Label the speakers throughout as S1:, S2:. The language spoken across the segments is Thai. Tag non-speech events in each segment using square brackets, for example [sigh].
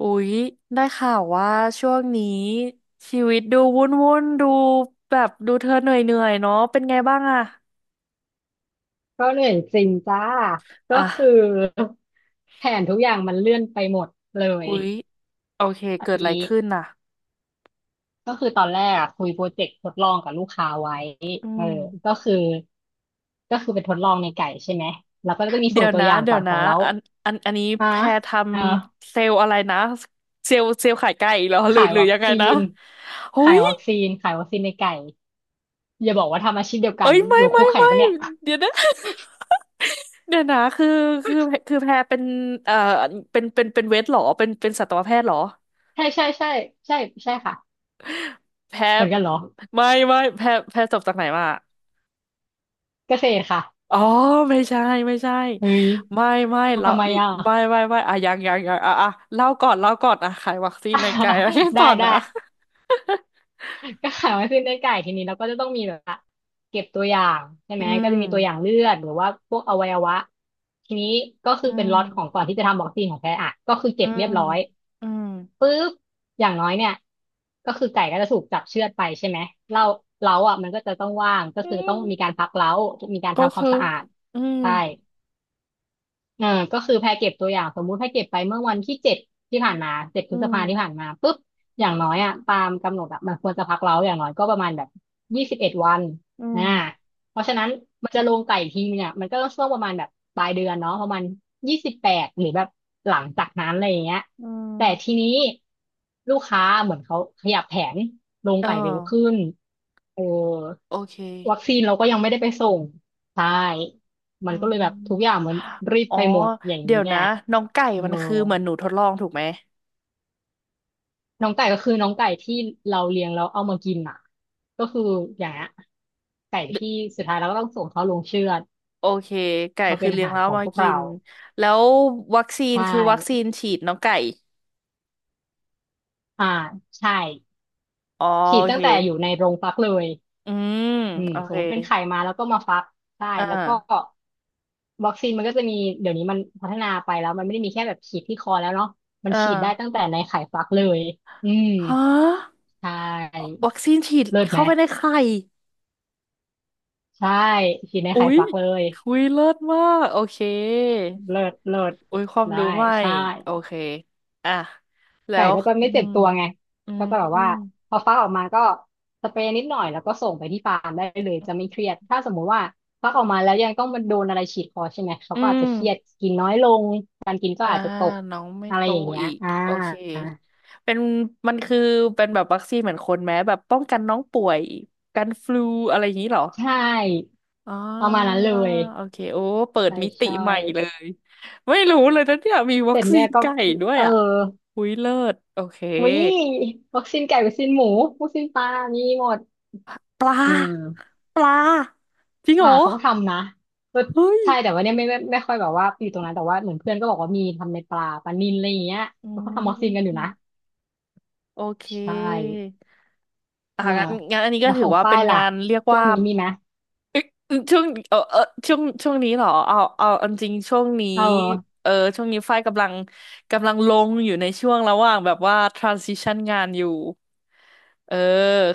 S1: อุ๊ยได้ข่าวว่าช่วงนี้ชีวิตดูวุ่นดูแบบดูเธอเหนื่อยเนาะเป็นไงบ้างอะ
S2: ก็เหนื่อยจริงจ้าก็
S1: อ่ะ
S2: คือ [laughs] แผนทุกอย่างมันเลื่อนไปหมดเลย
S1: อุ๊ยโอเค
S2: อั
S1: เกิ
S2: น
S1: ดอะไร
S2: นี้
S1: ขึ้นน่ะ
S2: ก็คือตอนแรกอะคุยโปรเจกต์ทดลองกับลูกค้าไว้
S1: อื
S2: เออ
S1: ม
S2: ก็คือก็คือเป็นทดลองในไก่ใช่ไหมแล้วก็จะมี
S1: เดี๋
S2: ส่
S1: ย
S2: ง
S1: ว
S2: ตัว
S1: นะ
S2: อย่าง
S1: เดี๋ย
S2: ก่อ
S1: ว
S2: นข
S1: นะ
S2: องเรา
S1: อันอันนี้
S2: อ่ะ
S1: แพรท
S2: เออ
S1: ำเซลล์อะไรนะเซลล์ขายไก่เหรอหรือ
S2: ขาย
S1: หรือ
S2: วัค
S1: ยังไง
S2: ซี
S1: นะ
S2: น
S1: อุ๊
S2: ขาย
S1: ย
S2: วัคซีนขายวัคซีนในไก่อย่าบอกว่าทำอาชีพเดียวกัน
S1: เอ้ยไม่
S2: อยู่
S1: ไม่
S2: คู่แข่ง
S1: ไม่
S2: ปะเนี่ย
S1: เดี๋ยวนะ [laughs] เดี๋ยวนะคือคือแพรเป็นเอ่อเป็นเวชเหรอเป็นสัตวแพทย์เหรอ
S2: ใช่ใช่ใช่ใช่ใช่ค่ะ
S1: แพ้
S2: เหมือนกันเหรอ
S1: ไม่ไม่แพ้จบจากไหนมา
S2: เกษตรค่ะ
S1: อ๋อไม่ใช่ไม่ใช่
S2: เฮ้ย
S1: ไม่ไม่เรา
S2: ทำไมอ่ะ
S1: ไม่ไม่ไม่อ่ะยังอ่ะอ่ะเล่าก่อนอ่ะขายวัคซีนในไกลแล้ [laughs] วให้
S2: [laughs]
S1: ต่
S2: ได้
S1: อ
S2: ได้
S1: นะ
S2: ก็ขายวัคซีนได้ไก่ทีนี้เราก็จะต้องมีแบบว่าเก็บตัวอย่างใช่
S1: อื
S2: ไหมก็
S1: ม
S2: จะมีตัวอย่างเลือดหรือว่าพวกอวัยวะทีนี้ก็คื
S1: อื
S2: อเป็น
S1: ม
S2: ล็อตของก่อนที่จะทำวัคซีนของแท้อ่ะก็คือเก็
S1: อื
S2: บเรี
S1: ม
S2: ยบร้อย
S1: อืม
S2: ปุ๊บอย่างน้อยเนี่ยก็คือไก่ก็จะถูกจับเชือดไปใช่ไหมเล้าเล้าอ่ะมันก็จะต้องว่างก็
S1: อื
S2: คือต้อง
S1: ม
S2: มีการพักเล้ามีการ
S1: ก็
S2: ทำควา
S1: คื
S2: ม
S1: อ
S2: สะอาด
S1: อืม
S2: ใช่ อ่าก็คือแพรเก็บตัวอย่างสมมุติแพรเก็บไปเมื่อวันที่ 7ที่ผ่านมาเจ็ดพ
S1: อื
S2: ฤษภาที่ผ่า
S1: ม
S2: นมาปุ๊บอย่างน้อยอ่ะตามกำหนดอ่ะมันควรจะพักเราอย่างน้อยก็ประมาณแบบ21 วัน
S1: อื
S2: อ่า
S1: ม
S2: เพราะฉะนั้นมันจะลงไก่อีกทีเนี่ยมันก็ต้องช่วงประมาณแบบปลายเดือนเนาะประมาณ28หรือแบบหลังจากนั้นอะไรอย่างเงี้ย
S1: อื
S2: แต่ที
S1: ม
S2: นี้ลูกค้าเหมือนเขาขยับแผนลง
S1: เออ
S2: ไก่เร็วขึ้นเออ
S1: โอเค
S2: วัคซีนเราก็ยังไม่ได้ไปส่งใช่ มั
S1: อื
S2: นก็
S1: ม
S2: เลยแบบทุกอย่าง
S1: อื
S2: เหมือนรีบ
S1: อ๋อ
S2: ไปหมดอย่าง
S1: เดี๋ย
S2: นี้
S1: ว
S2: ไง
S1: นะน้องไก่
S2: เออ
S1: มันคือเหมือนหนูทดลองถูกไหม
S2: น้องไก่ก็คือน้องไก่ที่เราเลี้ยงแล้วเอามากินอ่ะก็คืออย่างเงี้ยไก่ที่สุดท้ายเราก็ต้องส่งเขาลงเชือด
S1: โอเคไก่
S2: มา
S1: คื
S2: เป็
S1: อ
S2: นอา
S1: เลี้ยง
S2: หาร
S1: แล้ว
S2: ข
S1: เอา
S2: อง
S1: มา
S2: พวก
S1: กิ
S2: เรา
S1: นแล้ววัคซีน
S2: ใช่
S1: คือวัคซีนฉีดน้องไก่
S2: อ่าใช่
S1: อ๋อ
S2: ฉี
S1: โอ
S2: ดตั้
S1: เค
S2: งแต่อยู่ในโรงฟักเลย
S1: อืม
S2: อืม
S1: โอ
S2: ส
S1: เค
S2: มมติเป็นไข่มาแล้วก็มาฟัก ใช่
S1: อ่า
S2: แล้วก็วัคซีนมันก็จะมีเดี๋ยวนี้มันพัฒนาไปแล้วมันไม่ได้มีแค่แบบฉีดที่คอแล้วเนาะมัน
S1: อ่
S2: ฉีดได้ตั้ง
S1: า
S2: แต่ในไข่ฟักเลยอืม
S1: ฮะ
S2: ใช่
S1: วัคซีนฉีด
S2: เลิศไหม
S1: เข้าไปในไข่
S2: ใช่ฉีดใน
S1: อุ๊
S2: ไข่
S1: ย
S2: ฟักเลย
S1: คุยเลิศมากโอเค
S2: เลิศเลิศ
S1: อุ้ยความ
S2: ได้
S1: รู้ใหม่
S2: ใช่
S1: โอเคอ่ะแล้
S2: ไก่
S1: ว
S2: ก็จะ
S1: อื
S2: ไม่เจ็
S1: ม
S2: บตัวไง
S1: อื
S2: แล้วก็แบบว่า
S1: ม
S2: พอฟักออกมาก็สเปรย์นิดหน่อยแล้วก็ส่งไปที่ฟาร์มได้เลยจะไม่เครียดถ้าสมมุติว่าฟักออกมาแล้วยังต้องมันโดนอะไรฉีดคอใช่ไหมเขา
S1: อื
S2: ก็อาจ
S1: ม
S2: จะเครียดกินน้อยลงการกินก็
S1: อ่า
S2: อาจจะตก
S1: น้องไม่
S2: อะไร
S1: โต
S2: อย่างเงี้ย
S1: อีก
S2: อ่า
S1: โอเคเป็นมันคือเป็นแบบวัคซีนเหมือนคนไหมแบบป้องกันน้องป่วยกันฟลูอะไรอย่างนี้เหรอ
S2: ใช่
S1: อ๋อ
S2: ประมาณนั้นเลย
S1: โอเคโอ้เปิด
S2: ใช่
S1: มิติ
S2: ใช่
S1: ใหม่เลยไม่รู้เลยนะเนี่ยมีวั
S2: แต่
S1: คซี
S2: เนี่ย
S1: น
S2: ก็
S1: ไก่ด้วย
S2: เออ
S1: อ่ะหุยเลิศโอเค
S2: วิวัคซีนไก่วัคซีนหมูวัคซีนปลามีหมด
S1: ปล
S2: อื
S1: า
S2: ม
S1: ปลาจริงเหร
S2: อ่า
S1: อ
S2: เขาก็ทำนะก็
S1: เฮ้ย
S2: ใช่แต่ว่าเนี่ยไม่ค่อยแบบว่าอยู่ตรงนั้นแต่ว่าเหมือนเพื่อนก็บอกว่ามีทำในปลาปลานิลอะไรอย่างเงี้ย
S1: อื
S2: เขาก็ทำมอคซินกันอยู่นะ
S1: มโอเค
S2: ใช่
S1: อ่ะ
S2: อ่า
S1: งั้นอันนี้ก็
S2: แล้ว
S1: ถื
S2: ข
S1: อ
S2: อง
S1: ว่า
S2: ฝ้า
S1: เป็
S2: ย
S1: น
S2: ล่ะ
S1: งานเรียก
S2: ช่ว
S1: ว่า
S2: งนี้มีไหม
S1: ช่วงเออช่วงนี้เหรอเอาจริงช่วงนี้
S2: เออ
S1: เออช่วงนี้ฝ้ายกำลังลงอยู่ในช่วงระหว่างแบบว่า transition งานอยู่เออ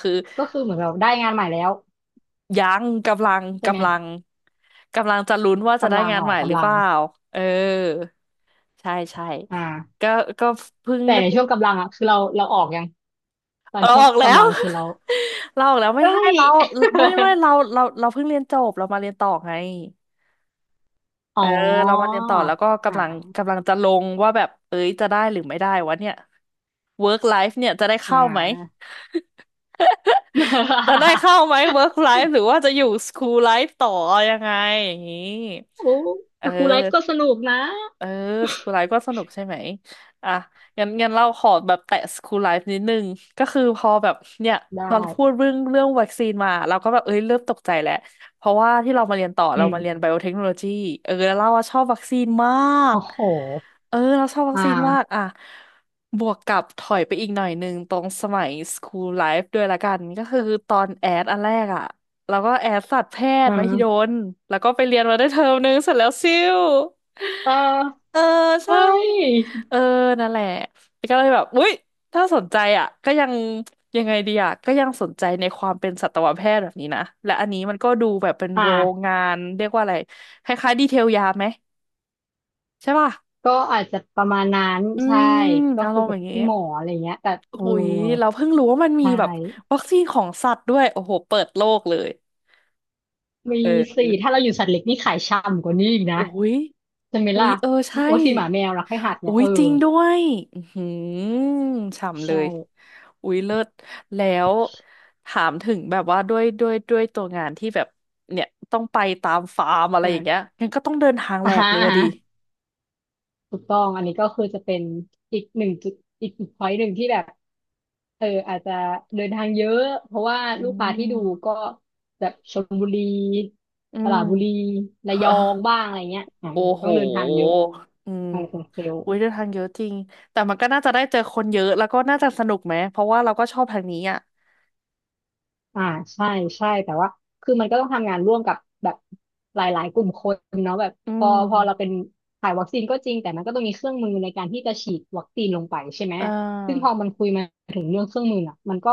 S1: คือ
S2: ก็คือเหมือนแราได้งานใหม่แล้ว
S1: ยังกำลัง
S2: ใช่ไหม
S1: กำลังกำลังจะลุ้นว่าจะได้
S2: กำลัง
S1: งาน
S2: ออ
S1: ให
S2: ก
S1: ม่หรื
S2: กำ
S1: อเป
S2: ลัง
S1: ล่าเออใช่ใช่
S2: อ่า
S1: ก็ก็เพิ่ง
S2: แต่
S1: ได้
S2: ในช่วงกำลังอ่ะคือเราออกยังตอ
S1: เอ
S2: น
S1: อ
S2: ช่ว
S1: อ
S2: ง
S1: อกแล้
S2: กำ
S1: ว
S2: ลังคือเรา
S1: [laughs] เราออกแล้วไม่
S2: เอ้
S1: ใช่
S2: ย
S1: เราไม่ไม่เรา
S2: [laughs]
S1: เราเพิ่งเรียนจบเรามาเรียนต่อไง
S2: อ๋อ
S1: เออเรามาเรียนต่อแล้วก็กำลัง
S2: อ่า
S1: กำลังจะลงว่าแบบเอ้ยจะได้หรือไม่ได้วะเนี่ย work life เนี่ยจะได้
S2: อ่
S1: เข้าไหม
S2: า
S1: จะได้เข้าไหม [laughs]
S2: [laughs]
S1: work life หรือว่าจะอยู่ school life ต่อยังไงอย่างนี้
S2: โอ้
S1: เออ
S2: แต่ครูไลฟ์ก็สนุกนะ
S1: เออสคูลไลฟ์ก็สนุกใช่ไหมอ่ะงั้นเราขอแบบแตะสคูลไลฟ์นิดนึงก็คือพอแบบเนี่ย
S2: ได้
S1: ตอนพูดเรื่องวัคซีนมาเราก็แบบเอ้ยเริ่มตกใจแล้วเพราะว่าที่เรามาเรียนต่อ
S2: อื
S1: เรา
S2: ม
S1: มาเรียนไบโอเทคโนโลยีเออแล้วเราอะชอบวัคซีนมาก
S2: โอ้โห
S1: เออเราชอบวัค
S2: อ่
S1: ซีนมาก
S2: า
S1: อ่ะบวกกับถอยไปอีกหน่อยหนึ่งตรงสมัยสคูลไลฟ์ด้วยละกันก็คือตอนแอดอันแรกอ่ะแล้วก็แอดสัตวแพท
S2: อื
S1: ย์มหิด
S2: ม
S1: ลแล้วก็ไปเรียนมาได้เทอมนึงเสร็จแล้วซิ่ว
S2: เออ
S1: เออใช่
S2: เฮ้ย
S1: เออนั่นแหละก็เลยแบบอุ๊ยถ้าสนใจอ่ะก็ยังยังไงดีอ่ะก็ยังสนใจในความเป็นสัตวแพทย์แบบนี้นะและอันนี้มันก็ดูแบบเป็น
S2: อ่า
S1: โรงงานเรียกว่าอะไรคล้ายๆดีเทลยาไหมใช่ป่ะ
S2: ก็อาจจะประมาณนั้น
S1: อื
S2: ใช่
S1: ม
S2: ก็
S1: เอาล
S2: คุ
S1: อ
S2: ย
S1: งแบ
S2: กับ
S1: บนี้
S2: พี่หมออะไรเงี้ยแต่เออ
S1: อุ๊ยเราเพิ่งรู้ว่ามันมี
S2: ใช่
S1: แบบวัคซีนของสัตว์ด้วยโอ้โหเปิดโลกเลย
S2: มี
S1: เออ
S2: สี่ถ้าเราอยู่สัตว์เล็กนี่ขายช่ำกว่านี้อีกนะ
S1: อุ้ย
S2: ใช่ไหม
S1: อุ๊
S2: ล่ะ
S1: ยเออใช่
S2: โอ้สี่หมาแมวรักให้หัดเนี่ย
S1: อุ๊
S2: เอ
S1: ย
S2: อ
S1: จริงด้วยอือหือฉ่ำเล
S2: ใช่
S1: ย อุ๊ยเลิศ แล้วถามถึงแบบว่าด้วยตัวงานที่แบบเนี่ยต้องไปตามฟาร์มอะไรอย่างเงี้ย
S2: อ่า
S1: งั้นก็ต้องเดินทางแห
S2: อ่
S1: ลกเลยอะดิ
S2: า ถูกต้องอันนี้ก็คือจะเป็นอีกหนึ่งจุดอีกพอยต์หนึ่งที่แบบเอออาจจะเดินทางเยอะเพราะว่า
S1: อื
S2: ลูกค้าที่ดู
S1: ม
S2: ก็แบบชลบุรี
S1: อื
S2: ส
S1: ม
S2: ระบุรีระยอ
S1: ฮะ
S2: งบ้างอะไรเงี้ยอ่า
S1: โอ้โห
S2: ต้องเดินทางเยอะ
S1: อืม
S2: เอาเป็นเซลล์
S1: อุ๊ยเดินทางเยอะจริง แต่มันก็น่าจะได้เจอคนเยอะ แล้วก็น่าจะสนุกไหม เพราะว่าเราก็ชอบทางนี้อ่ะ
S2: อ่าใช่ใช่แต่ว่าคือมันก็ต้องทำงานร่วมกับแบบหลายๆกลุ่มคนเนาะแบบ
S1: อื
S2: พอ
S1: ม
S2: พอเราเป็นถ่ายวัคซีนก็จริงแต่มันก็ต้องมีเครื่องมือในการที่จะฉีดวัคซีนลงไปใช่ไหม
S1: อ่
S2: ซึ่งพ
S1: า
S2: อมันคุยมาถึงเรื่องเครื่องมือน่ะมันก็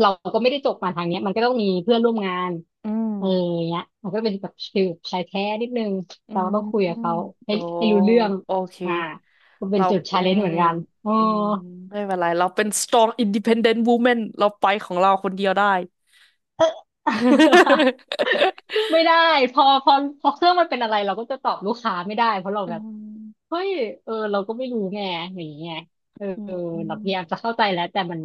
S2: เราก็ไม่ได้จบมาทางเนี้ยมันก็ต้องมีเพื่อนร่วมงาน
S1: อืม
S2: เออเนี้ยมันก็เป็นแบบฟิลชายแท้นิดนึง
S1: อื
S2: เราก็ต้องคุยกับ
S1: ม
S2: เขาให้
S1: โอ้
S2: ให้รู้เรื่อง
S1: โอเค
S2: อ่าก็เป็น
S1: เรา
S2: จุดชา
S1: อื
S2: เลนจ์
S1: ม
S2: เหมือนกันอ๋อ
S1: อืมไม่เป็นไรเราเป็น strong independent woman เราไปของเราคนเดียวได้
S2: [laughs]
S1: [laughs]
S2: ไม่ได้พอพอเครื่องมันเป็นอะไรเราก็จะตอบลูกค้าไม่ได้เพราะเรา
S1: อื
S2: แบบ
S1: ม
S2: เฮ้ยเออเราก็ไม่รู้ไงอย่างเงี้ยเออ
S1: อืมอื
S2: เรา
S1: ม
S2: พยายามจะเข้าใจแล้วแต่มัน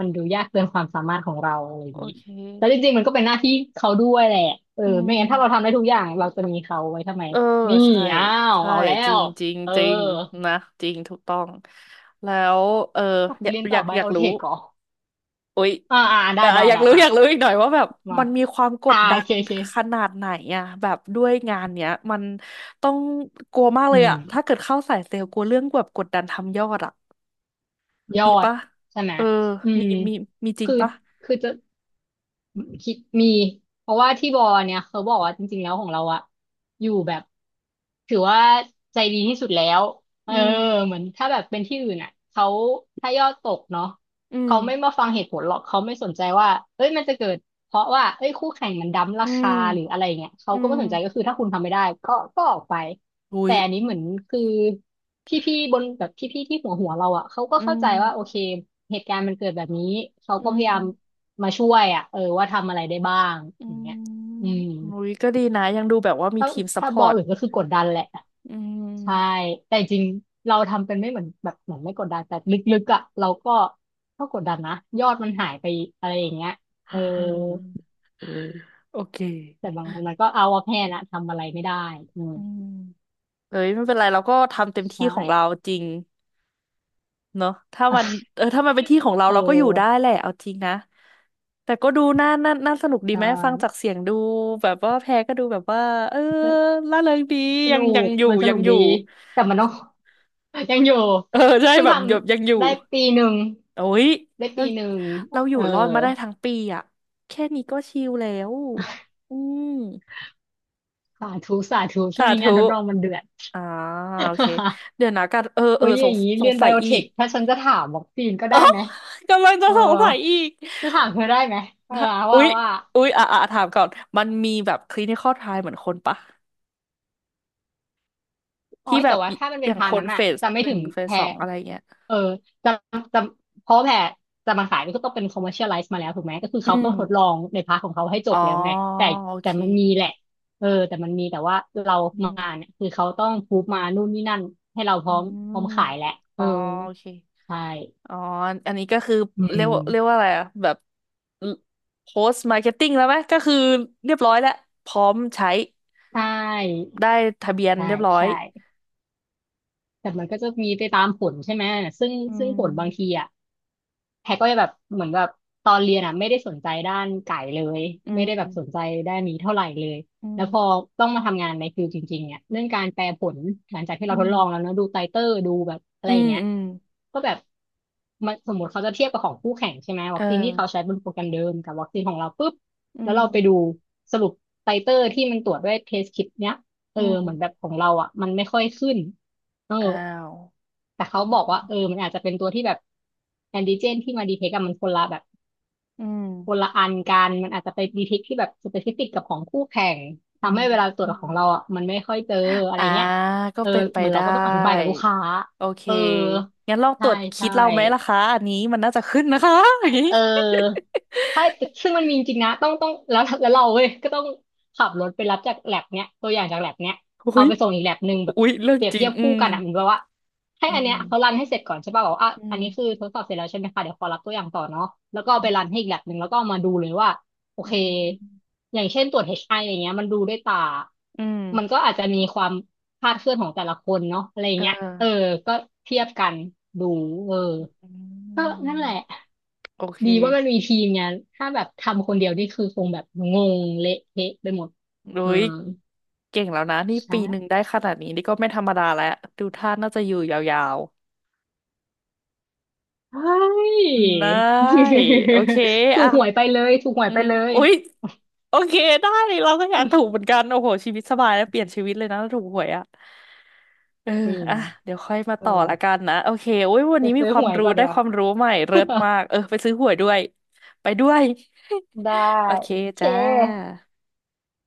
S2: มันดูยากเกินความสามารถของเราอะไรอย่า
S1: โอ
S2: งนี้
S1: เค
S2: แล้วจริงๆมันก็เป็นหน้าที่เขาด้วยแหละเออ
S1: อื
S2: ไม่
S1: ม
S2: งั้นถ้าเราทำได้ทุกอย่างเราจะมีเขาไว้ทำไม
S1: เออ
S2: นี่
S1: ใช่
S2: อ้าว
S1: ใช่
S2: เอาแล้
S1: จริ
S2: ว
S1: งจริง
S2: เออ
S1: จริงนะจริงถูกต้องแล้วเออ
S2: อยากไป
S1: อยาก
S2: เรียน
S1: อ
S2: ต่
S1: ยา
S2: อ
S1: ก
S2: ไบ
S1: อยาก
S2: โอเท
S1: รู้
S2: คก่อ
S1: อุ๊ย
S2: อ่าอ่าได้
S1: อ่ะ
S2: ได้
S1: อยาก
S2: ได้
S1: รู้
S2: อ่ะ
S1: อยากรู้อีกหน่อยว่าแบบ
S2: มา
S1: มันมีความก
S2: อ่า
S1: ดดั
S2: โอ
S1: น
S2: เคโอเค
S1: ขนาดไหนอะแบบด้วยงานเนี้ยมันต้องกลัวมากเล
S2: อื
S1: ย
S2: ม
S1: อะถ้าเกิดเข้าสายเซลล์กลัวเรื่องแบบกดดันทำยอดอะ
S2: ยอ
S1: มี
S2: ด
S1: ปะ
S2: ใช่ไหม
S1: เออ
S2: อื
S1: มี
S2: ม
S1: มีมีจริง
S2: คือ
S1: ปะ
S2: คือจะ คิดมีเพราะว่าที่บอเนี่ยเขาบอกว่าจริงๆแล้วของเราอะอยู่แบบถือว่าใจดีที่สุดแล้วเอ
S1: อื
S2: อ
S1: ม
S2: เหมือนถ้าแบบเป็นที่อื่นอะเขาถ้ายอดตกเนาะ
S1: อืม
S2: เขาไม่มาฟังเหตุผลหรอกเขาไม่สนใจว่าเอ้ยมันจะเกิดเพราะว่าเอ้ยคู่แข่งมันดั้มรา
S1: อื
S2: คา
S1: ม
S2: หรืออะไรเงี้ยเขา
S1: อื
S2: ก็ไม่
S1: ม
S2: สนใจก็คือถ้าคุณทำไม่ได้ก็ออกไป
S1: อุ้
S2: แต่
S1: ย
S2: อันนี้เหมือนคือพี่ๆบนแบบพี่ๆที่หัวเราอะเขาก็
S1: อื
S2: เข้า
S1: ม
S2: ใจว่าโอเคเหตุการณ์มันเกิดแบบนี้เขา
S1: อื
S2: ก็พยายาม
S1: ม
S2: มาช่วยอ่ะเออว่าทำอะไรได้บ้าง
S1: อื
S2: อย่าง
S1: ม
S2: เงี้ยอืม
S1: อุ้ยก็ดีนะยังดูแบบว่ามี
S2: ถ้า
S1: ทีมซัพ
S2: ถ้า
S1: พ
S2: บ
S1: อ
S2: อ
S1: ร์
S2: ล
S1: ต
S2: อื่นก็คือกดดันแหละ
S1: อื
S2: ใช่
S1: ม
S2: แต่จริงเราทำเป็นไม่เหมือนแบบเหมือนไม่กดดันแต่ลึกๆอ่ะเราก็ก็กดดันนะยอดมันหายไปอะไรอย่างเงี้ยเออ
S1: โอเค
S2: แต่บางวันมันก็เอาว่าแพ้นะทำอะไรไม่ได้อืม
S1: อืม เอ้ยไม่เป็นไรเราก็ทำเต็มที่
S2: ใช่
S1: ของเราจริงเนอะถ้ามันเออถ้ามันเป็นที่ของเรา
S2: เอ
S1: เราก็อยู่ได้
S2: อ
S1: แหละเอาจริงนะแต่ก็ดูน่าสนุกดี
S2: ใช
S1: ไหมฟังจา
S2: ่
S1: กเสียงดูแบบว่าแพรก็ดูแบบว่าเออร่าเริงดี
S2: ส
S1: ยั
S2: นุ
S1: งยัง
S2: ก
S1: อยู่
S2: มันส
S1: ยั
S2: นุ
S1: ง
S2: ก
S1: อยู่
S2: ดีแต่มันต้อง [laughs] ยังอยู่
S1: เออใช่
S2: เพิ่ง
S1: แบ
S2: ท
S1: บแบบยังอยู่
S2: ำได้ปีหนึ่ง
S1: โอ้ย
S2: ได้
S1: เรา
S2: ปีหนึ่ง
S1: เราอ
S2: เอ
S1: ยู่
S2: อ
S1: รอดมาได้ทั้งปีอ่ะแค่นี้ก็ชิลแล้วอืม
S2: สาธุสาธุช่ว
S1: สา
S2: งนี้
S1: ธุ
S2: งานทดลองมันเดือด
S1: อ่าโอเคเดี๋ยวนะกันเออ
S2: [laughs]
S1: เอ
S2: โอ้
S1: อ
S2: ยอ
S1: สง
S2: ย่างนี้
S1: ส
S2: เรี
S1: ง
S2: ยนไบ
S1: สัย
S2: โอ
S1: อี
S2: เทค
S1: ก
S2: ถ้าฉันจะถามวัคซีนก็ได้ไหม
S1: [laughs] กำลังจะ
S2: เออ
S1: สงสัยอีก
S2: จะถามเธอได้ไหมเออ
S1: ถ้าอุ๊
S2: ว่า
S1: ย
S2: ว่า
S1: อุ๊ยอ่ะถามก่อนมันมีแบบคลินิคอลไทล์เหมือนคนปะ
S2: อ๋อ
S1: ที่แบ
S2: แต่
S1: บ
S2: ว่าถ้ามัน
S1: อ
S2: เป็น
S1: ย่าง
S2: พา
S1: ค
S2: น
S1: น
S2: นั้น
S1: เฟ
S2: อะ
S1: ส
S2: จะไม่
S1: ห
S2: ถึ
S1: นึ่ง
S2: ง
S1: เฟส
S2: แพร
S1: สองอะไรเงี้ย
S2: เออจะจะเพราะแพรจะมาขายก็ต้องเป็น commercialize มาแล้วถูกไหมก็คือ
S1: อื
S2: เขาต้อ
S1: ม
S2: งทดลองในพาร์ทของเขาให้จ
S1: อ๋
S2: บ
S1: อ
S2: แล้วไงแต่
S1: โอ
S2: แต่
S1: เค
S2: มันมีแหละเออแต่มันมีแต่ว่าเรา
S1: อื
S2: มา
S1: ม
S2: เนี่ยคือเขาต้องพูฟมานู่นนี่นั่นให้เราพ
S1: อื
S2: ร้อมพร้อม
S1: ม
S2: ขายแหละเอ
S1: อ๋
S2: อ
S1: อโอเค
S2: ใช่
S1: อ๋ออันนี้ก็คือ
S2: อื
S1: เรียกว่าเรียก
S2: ม
S1: ว่าอะไรอะแบบ post marketing แล้วไหมก็คือเรียบร้อยแล้วพร้อมใช้
S2: ใช่
S1: ได้ทะเบียน
S2: ใช่
S1: เรียบร้อย
S2: ใช่ แต่มันก็จะมีไปตามผลใช่ไหม ซึ่ง
S1: อื
S2: ซึ่ง
S1: ม
S2: ผลบางทีอ่ะ แพรก็จะแบบเหมือนแบบตอนเรียนอ่ะไม่ได้สนใจด้านไก่เลย
S1: อื
S2: ไม่
S1: ม
S2: ได้แบบสนใจด้านนี้เท่าไหร่เลย
S1: อื
S2: แล้วพอ
S1: ม
S2: ต้องมาทำงานในฟิลจริงๆเนี่ยเรื่องการแปลผลหลังจากที่
S1: อื
S2: เราทดลองแล้ว
S1: ม
S2: เนอะดูไตเตอร์ดูแบบอะ
S1: อื
S2: ไรอ
S1: ม
S2: ย่างเงี้ย
S1: อืม
S2: ก็แบบมันสมมติเขาจะเทียบกับของคู่แข่งใช่ไหม
S1: เอ
S2: วัคซีนที่เขา
S1: อ
S2: ใช้บนโปรแกรมเดิมกับวัคซีนของเราปุ๊บ
S1: อื
S2: แล้ว
S1: ม
S2: เราไปดูสรุปไตเตอร์ที่มันตรวจด้วยเทสคิดเนี้ยเออ
S1: อืม
S2: เหมือนแบบของเราอ่ะมันไม่ค่อยขึ้นเออ
S1: อ้าว
S2: แต่เขาบอกว่าเออมันอาจจะเป็นตัวที่แบบแอนติเจนที่มาดีเทคกับมันคนละแบบ
S1: อืม
S2: คนละอันกัน มันอาจจะไปดีเทคที่แบบสเปซิฟิกกับของคู่แข่ง
S1: อื
S2: ทำให้
S1: ม
S2: เวลาตร
S1: อ
S2: วจ
S1: ม
S2: ของเราอ่ะมันไม่ค่อยเจออะไร
S1: อ่า
S2: เงี้ย
S1: ก็
S2: เออ
S1: เป็นไป
S2: มันเรา
S1: ได้
S2: ก็ต้องอธิบายกับลูกค้า
S1: โอเค
S2: เออ
S1: งั้นลองต
S2: ใช่
S1: รวจคิ
S2: ใช่
S1: ดเราไหมล่ะคะอันนี้มันน่าจะขึ้นนะคะ [laughs] อย่างนี้
S2: เออถ้าซึ่งมันมีจริงๆนะต้องแล้วแล้วเราเว้ยก็ต้องขับรถไปรับจากแลบเนี้ยตัวอย่างจากแลบเนี้ย
S1: อุ้
S2: เอา
S1: ย
S2: ไปส่งอีกแลบหนึ่งแบบ
S1: อุ้ยเรื่อง
S2: เปรียบ
S1: จริ
S2: เที
S1: ง
S2: ยบ
S1: อื
S2: คู่
S1: ม
S2: กันอ่ะเหมือนแบบว่าให้
S1: อื
S2: อันเนี้ยเขารั
S1: ม
S2: นให้เสร็จก่อนใช่ป่ะบอกว่าอ่ะ
S1: อื
S2: อัน
S1: ม
S2: นี้คือทดสอบเสร็จแล้วใช่ไหมคะเดี๋ยวขอรับตัวอย่างต่อเนาะแล้วก็เอาไปรันให้อีกแลบหนึ่งแล้วก็เอามาดูเลยว่าโอ
S1: อื
S2: เค
S1: ม
S2: อย่างเช่นตรวจ HI อชไออะไรเงี้ยมันดูด้วยตา
S1: อืม
S2: มันก็อาจจะมีความ คาดเคลื่อนของแต่ละคนเนาะอะไรอย่าง
S1: เอ
S2: เงี้ยเออ
S1: อ
S2: ก็เทียบกันดู เออ
S1: อืม
S2: ก็นั่นแหละ
S1: โอเค
S2: ดีว่ามันมีทีมไงถ้าแบบทำคนเดียวนี่คือคงแบบงงเละเทะไปหมด
S1: โด
S2: อื
S1: ย
S2: ม
S1: เก่งแล้วนะนี่ปี
S2: ใช่ [laughs]
S1: หนึ่งได้ขนาดนี้นี่ก็ไม่ธรรมดาแล้วดูท่าน่าจะอยู่ยาว
S2: เฮ้ย
S1: ได้
S2: [laughs]
S1: โอเค
S2: ถู
S1: อ่ะ
S2: กหวยไปเลยถูกหวย
S1: อื
S2: ไป
S1: ม
S2: เลย
S1: อุ๊ยโอเคได้เราก็อยากถูกเหมือนกันโอ้โหชีวิตสบายแล้วเปลี่ยนชีวิตเลยนะถ้าถูกหวยอ่ะเออ
S2: จริง
S1: อ่ะเดี๋ยวค่อยมา
S2: เออ
S1: ต่อละกันนะโอเคโอ้ยวัน
S2: ไป
S1: นี้มี
S2: ซื้อ
S1: ควา
S2: ห
S1: ม
S2: วย
S1: รู้
S2: ก่อน
S1: ได้
S2: ดีก
S1: ค
S2: ว่า
S1: วามรู้ใหม่เลิศมากเออไปซื้อหวยด้วยไปด้วย
S2: [laughs] ได้
S1: [laughs] โอเค
S2: โอเค
S1: จ้า